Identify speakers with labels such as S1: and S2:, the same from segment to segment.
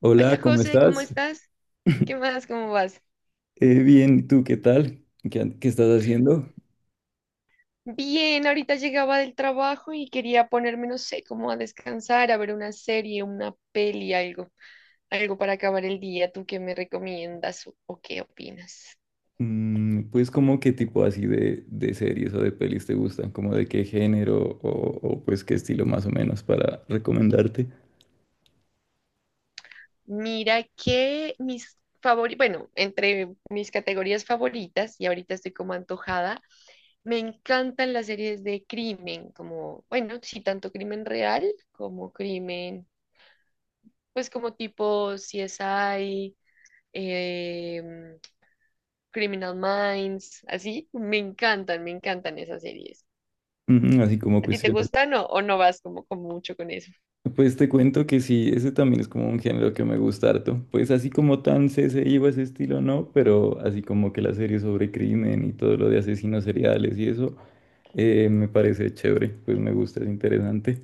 S1: Hola,
S2: Hola
S1: ¿cómo
S2: José, ¿cómo
S1: estás?
S2: estás? ¿Qué más? ¿Cómo vas?
S1: Bien, ¿y tú qué tal? ¿Qué estás haciendo?
S2: Bien, ahorita llegaba del trabajo y quería ponerme, no sé, como a descansar, a ver una serie, una peli, algo, algo para acabar el día. ¿Tú qué me recomiendas o qué opinas?
S1: Pues como qué tipo así de series o de pelis te gustan, como de qué género o, pues qué estilo más o menos para recomendarte.
S2: Mira que mis favoritos, bueno, entre mis categorías favoritas, y ahorita estoy como antojada, me encantan las series de crimen, como, bueno, sí, tanto crimen real como crimen, pues como tipo CSI, em, Criminal Minds, así. Me encantan esas series.
S1: Mm, así como
S2: ¿A ti te
S1: cuestiones.
S2: gustan o no vas como, como mucho con eso?
S1: Pues te cuento que sí, ese también es como un género que me gusta harto. Pues así como tan CSI o ese estilo no, pero así como que la serie sobre crimen y todo lo de asesinos seriales y eso, me parece chévere, pues me gusta, es interesante.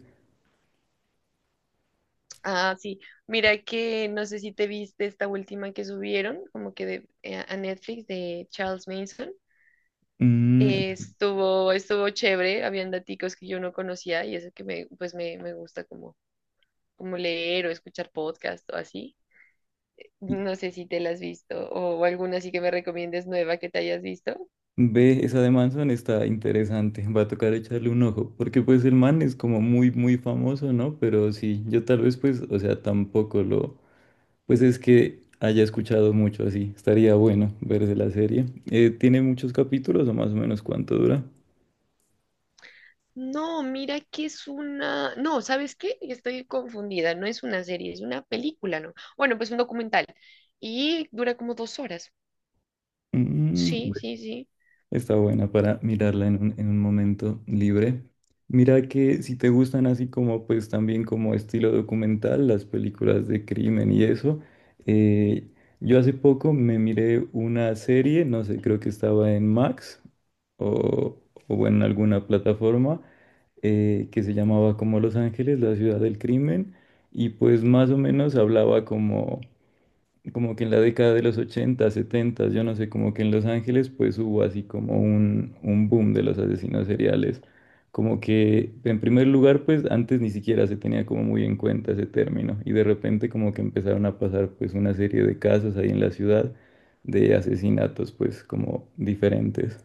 S2: Ah, sí. Mira que no sé si te viste esta última que subieron, como que de, a Netflix, de Charles Manson.
S1: Mm.
S2: Estuvo chévere, habían daticos que yo no conocía y eso que me gusta como, como leer o escuchar podcast o así. No sé si te la has visto o alguna así que me recomiendes nueva que te hayas visto.
S1: Ve, esa de Manson está interesante, va a tocar echarle un ojo, porque pues el man es como muy, muy famoso, ¿no? Pero sí, yo tal vez pues, o sea, tampoco lo, pues es que haya escuchado mucho así, estaría bueno verse la serie. ¿Tiene muchos capítulos o más o menos cuánto dura?
S2: No, mira que es una... No, ¿sabes qué? Estoy confundida. No es una serie, es una película, ¿no? Bueno, pues un documental. Y dura como dos horas.
S1: Mm.
S2: Sí, sí, sí.
S1: Está buena para mirarla en en un momento libre. Mira que si te gustan así como pues también como estilo documental, las películas de crimen y eso, eh, yo hace poco me miré una serie, no sé, creo que estaba en Max o, o en alguna plataforma que se llamaba como Los Ángeles, la ciudad del crimen, y pues más o menos hablaba como que en la década de los 80, 70, yo no sé, como que en Los Ángeles pues hubo así como un boom de los asesinos seriales. Como que en primer lugar pues antes ni siquiera se tenía como muy en cuenta ese término y de repente como que empezaron a pasar pues una serie de casos ahí en la ciudad de asesinatos pues como diferentes.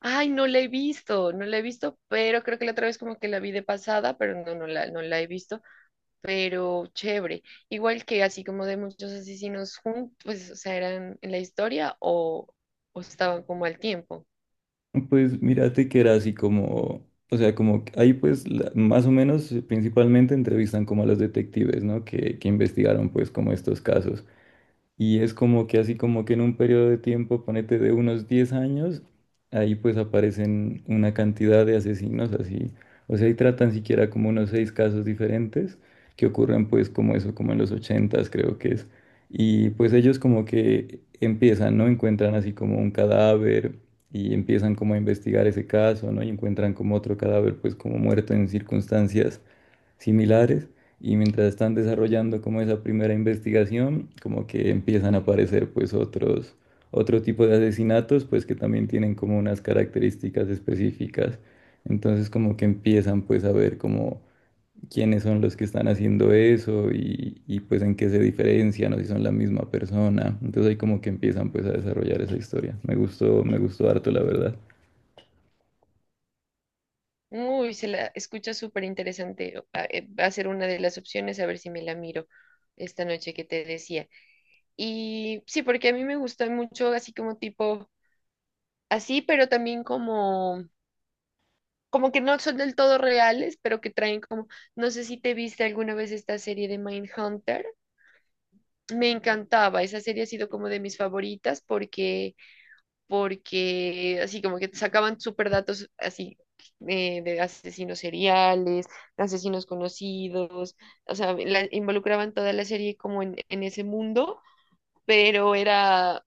S2: Ay, no la he visto, no la he visto, pero creo que la otra vez como que la vi de pasada, pero no, no la he visto, pero chévere. Igual que así como de muchos asesinos juntos, pues, o sea, eran en la historia o estaban como al tiempo.
S1: Pues mírate que era así como, o sea, como que ahí pues más o menos principalmente entrevistan como a los detectives, ¿no? Que investigaron pues como estos casos. Y es como que así como que en un periodo de tiempo, ponete de unos 10 años, ahí pues aparecen una cantidad de asesinos así. O sea, ahí tratan siquiera como unos seis casos diferentes que ocurren pues como eso, como en los ochentas creo que es. Y pues ellos como que empiezan, ¿no? Encuentran así como un cadáver y empiezan como a investigar ese caso, ¿no? Y encuentran como otro cadáver pues como muerto en circunstancias similares y mientras están desarrollando como esa primera investigación, como que empiezan a aparecer pues otros, otro tipo de asesinatos pues que también tienen como unas características específicas. Entonces como que empiezan pues a ver como quiénes son los que están haciendo eso y pues en qué se diferencian o si son la misma persona. Entonces ahí como que empiezan pues a desarrollar esa historia. Me gustó harto la verdad.
S2: Uy, se la escucha súper interesante. Va, va a ser una de las opciones, a ver si me la miro esta noche que te decía. Y sí, porque a mí me gusta mucho así como tipo, así, pero también como como que no son del todo reales, pero que traen como, no sé si te viste alguna vez esta serie de Mindhunter. Me encantaba, esa serie ha sido como de mis favoritas porque, porque así como que sacaban súper datos así, de asesinos seriales, de asesinos conocidos, o sea, la- involucraban toda la serie como en ese mundo, pero era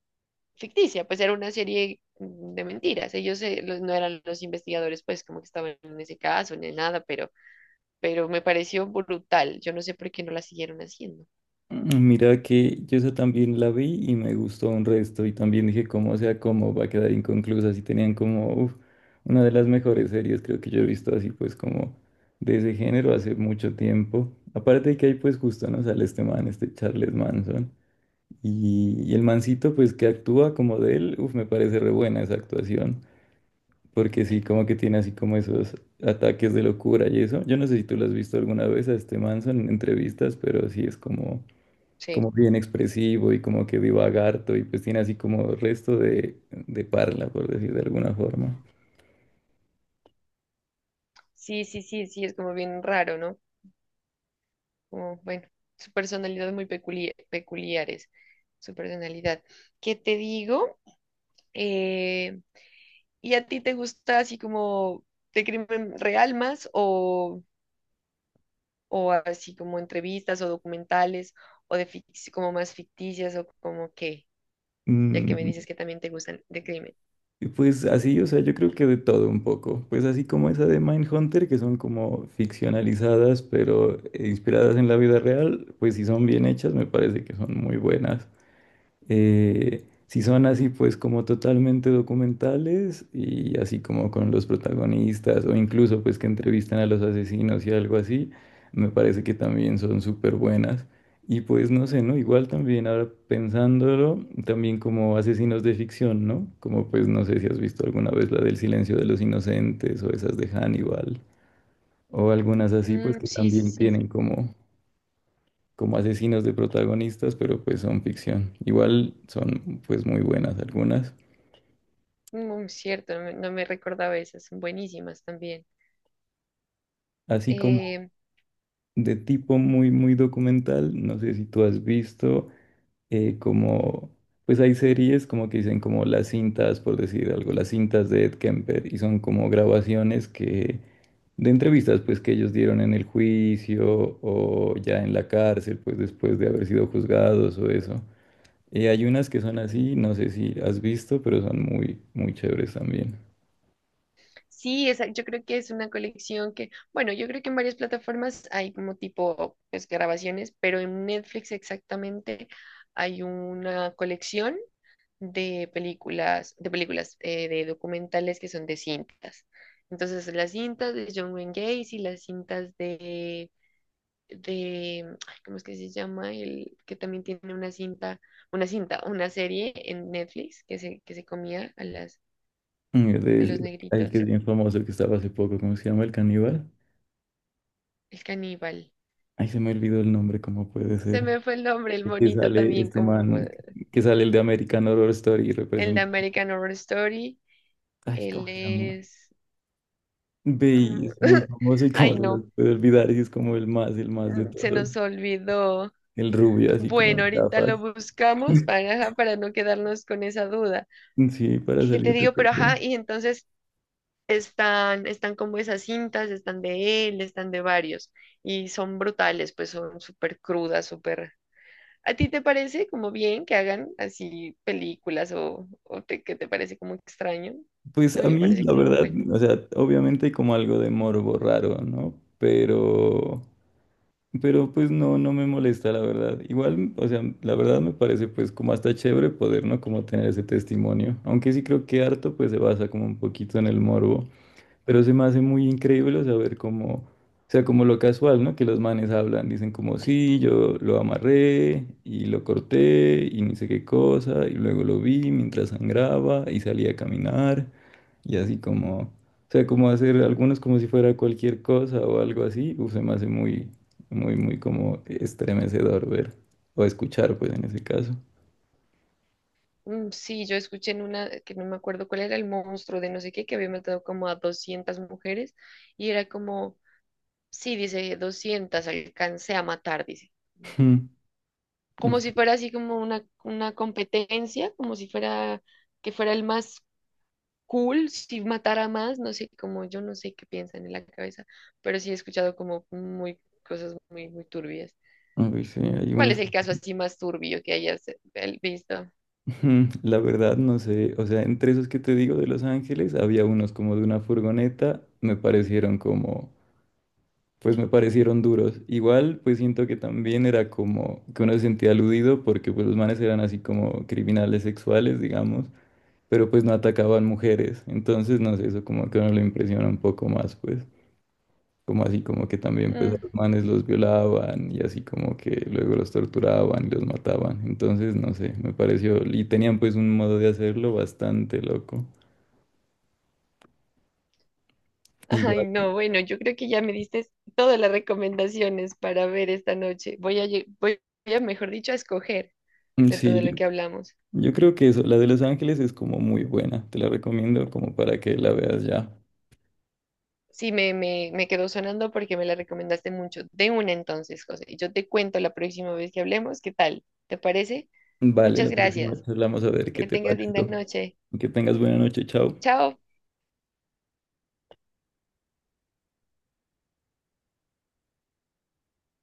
S2: ficticia, pues era una serie de mentiras. Ellos, los- no eran los investigadores, pues como que estaban en ese caso ni nada, pero me pareció brutal. Yo no sé por qué no la siguieron haciendo.
S1: Mira que yo esa también la vi y me gustó un resto y también dije cómo sea, cómo va a quedar inconclusa, si tenían como uf, una de las mejores series creo que yo he visto así pues como de ese género hace mucho tiempo. Aparte de que ahí pues justo no sale este man, este Charles Manson y el mancito pues que actúa como de él, uf, me parece re buena esa actuación porque sí como que tiene así como esos ataques de locura y eso. Yo no sé si tú lo has visto alguna vez a este Manson en entrevistas, pero sí es
S2: Sí,
S1: como bien expresivo y como que divaga harto y pues tiene así como resto de parla, por decir de alguna forma.
S2: sí, sí, sí, sí, es como bien raro, ¿no? Como, bueno, su personalidad es muy peculiar, peculiares, su personalidad. ¿Qué te digo? Eh, ¿Y a ti te gusta así como de crimen real más o así como entrevistas o documentales o de fic- como más ficticias o como qué? Ya que me
S1: Mm,
S2: dices que también te gustan de crimen.
S1: y pues así, o sea, yo creo que de todo un poco. Pues así como esa de Mindhunter, que son como ficcionalizadas, pero inspiradas en la vida real, pues si son bien hechas, me parece que son muy buenas. Si son así, pues como totalmente documentales y así como con los protagonistas o incluso pues que entrevistan a los asesinos y algo así, me parece que también son súper buenas. Y pues no sé, ¿no? Igual también ahora pensándolo, también como asesinos de ficción, ¿no? Como pues no sé si has visto alguna vez la del Silencio de los Inocentes o esas de Hannibal o algunas así pues
S2: Mm,
S1: que
S2: sí, sí,
S1: también
S2: sí.
S1: tienen como asesinos de protagonistas, pero pues son ficción. Igual son pues muy buenas algunas.
S2: Muy cierto, no me recordaba esas, son buenísimas también.
S1: Así como
S2: Eh,
S1: de tipo muy, muy documental, no sé si tú has visto eh, como, pues hay series como que dicen como las cintas, por decir algo, las cintas de Ed Kemper y son como grabaciones de entrevistas pues que ellos dieron en el juicio o ya en la cárcel, pues después de haber sido juzgados o eso. Y hay unas que son así, no sé si has visto, pero son muy, muy chéveres también.
S2: sí, esa, yo creo que es una colección que, bueno, yo creo que en varias plataformas hay como tipo, pues, grabaciones, pero en Netflix exactamente hay una colección de películas, de documentales que son de cintas. Entonces, las cintas de John Wayne Gacy, las cintas de, ay, ¿cómo es que se llama? El que también tiene una serie en Netflix que que se comía a las,
S1: Mm,
S2: a los
S1: hay que es
S2: negritos,
S1: bien famoso que estaba hace poco, ¿cómo se llama? El caníbal.
S2: el caníbal.
S1: Ay, se me olvidó el nombre, ¿cómo puede
S2: Se
S1: ser?
S2: me fue el nombre, el
S1: El que
S2: monito
S1: sale
S2: también,
S1: este
S2: como
S1: man,
S2: fue-
S1: Que sale el de American Horror Story y
S2: el de
S1: representa.
S2: American Horror Story.
S1: Ay,
S2: Él
S1: ¿cómo se llama?
S2: es,
S1: Ve, y es muy famoso y cómo
S2: ay
S1: se lo
S2: no,
S1: puede olvidar y es como el más de
S2: se
S1: todos.
S2: nos olvidó.
S1: El rubio, así como
S2: Bueno,
S1: de
S2: ahorita lo
S1: gafas.
S2: buscamos para, ajá, para no quedarnos con esa duda.
S1: Sí, para
S2: ¿Qué te
S1: salir de
S2: digo?
S1: todo.
S2: Pero ajá, y entonces están, están como esas cintas, están de él, están de varios y son brutales, pues son súper crudas, súper... ¿A ti te parece como bien que hagan así películas que te parece como extraño? A
S1: Pues
S2: mí
S1: a
S2: me
S1: mí,
S2: parece
S1: la
S2: como,
S1: verdad,
S2: bueno,
S1: o sea, obviamente hay como algo de morbo raro, ¿no? Pero pues no, no me molesta, la verdad. Igual, o sea, la verdad me parece pues como hasta chévere poder, ¿no? Como tener ese testimonio. Aunque sí creo que harto pues se basa como un poquito en el morbo. Pero se me hace muy increíble saber cómo, o sea, como lo casual, ¿no? Que los manes hablan, dicen como, sí, yo lo amarré y lo corté y ni sé qué cosa y luego lo vi mientras sangraba y salí a caminar. Y así como, o sea, como hacer algunos como si fuera cualquier cosa o algo así, uf, se me hace muy, muy, muy como estremecedor ver o escuchar, pues en ese caso.
S2: mm, sí, yo escuché en una, que no me acuerdo cuál era el monstruo de no sé qué, que había matado como a 200 mujeres y era como, sí, dice, 200 alcancé a matar, dice.
S1: Mm, uf,
S2: Como si fuera así como una competencia, como si fuera que fuera el más cool, si matara más, no sé, como yo no sé qué piensan en la cabeza, pero sí he escuchado como muy cosas muy, muy turbias.
S1: uy, sí, hay
S2: ¿Cuál
S1: unos,
S2: es el caso así más turbio que hayas visto?
S1: ujú, la verdad no sé, o sea, entre esos que te digo de Los Ángeles, había unos como de una furgoneta, me parecieron como, pues me parecieron duros. Igual, pues siento que también era como que uno se sentía aludido porque pues los manes eran así como criminales sexuales, digamos. Pero pues no atacaban mujeres. Entonces, no sé, eso como que a uno le impresiona un poco más, pues, como así como que también pues a
S2: Mm.
S1: los manes los violaban y así como que luego los torturaban y los mataban. Entonces, no sé, me pareció, y tenían pues un modo de hacerlo bastante loco.
S2: Ay,
S1: Igual,
S2: no, bueno, yo creo que ya me diste todas las recomendaciones para ver esta noche. Voy a, mejor dicho, a escoger
S1: mm,
S2: de todo
S1: sí,
S2: lo que hablamos.
S1: yo creo que eso, la de Los Ángeles es como muy buena, te la recomiendo como para que la veas ya.
S2: Sí, me quedó sonando porque me la recomendaste mucho. De una entonces, José. Y yo te cuento la próxima vez que hablemos, ¿qué tal? ¿Te parece?
S1: Vale,
S2: Muchas
S1: la próxima
S2: gracias.
S1: charlamos a ver qué
S2: Que
S1: te
S2: tengas linda
S1: pareció.
S2: noche.
S1: Que tengas buena noche, chao.
S2: Chao.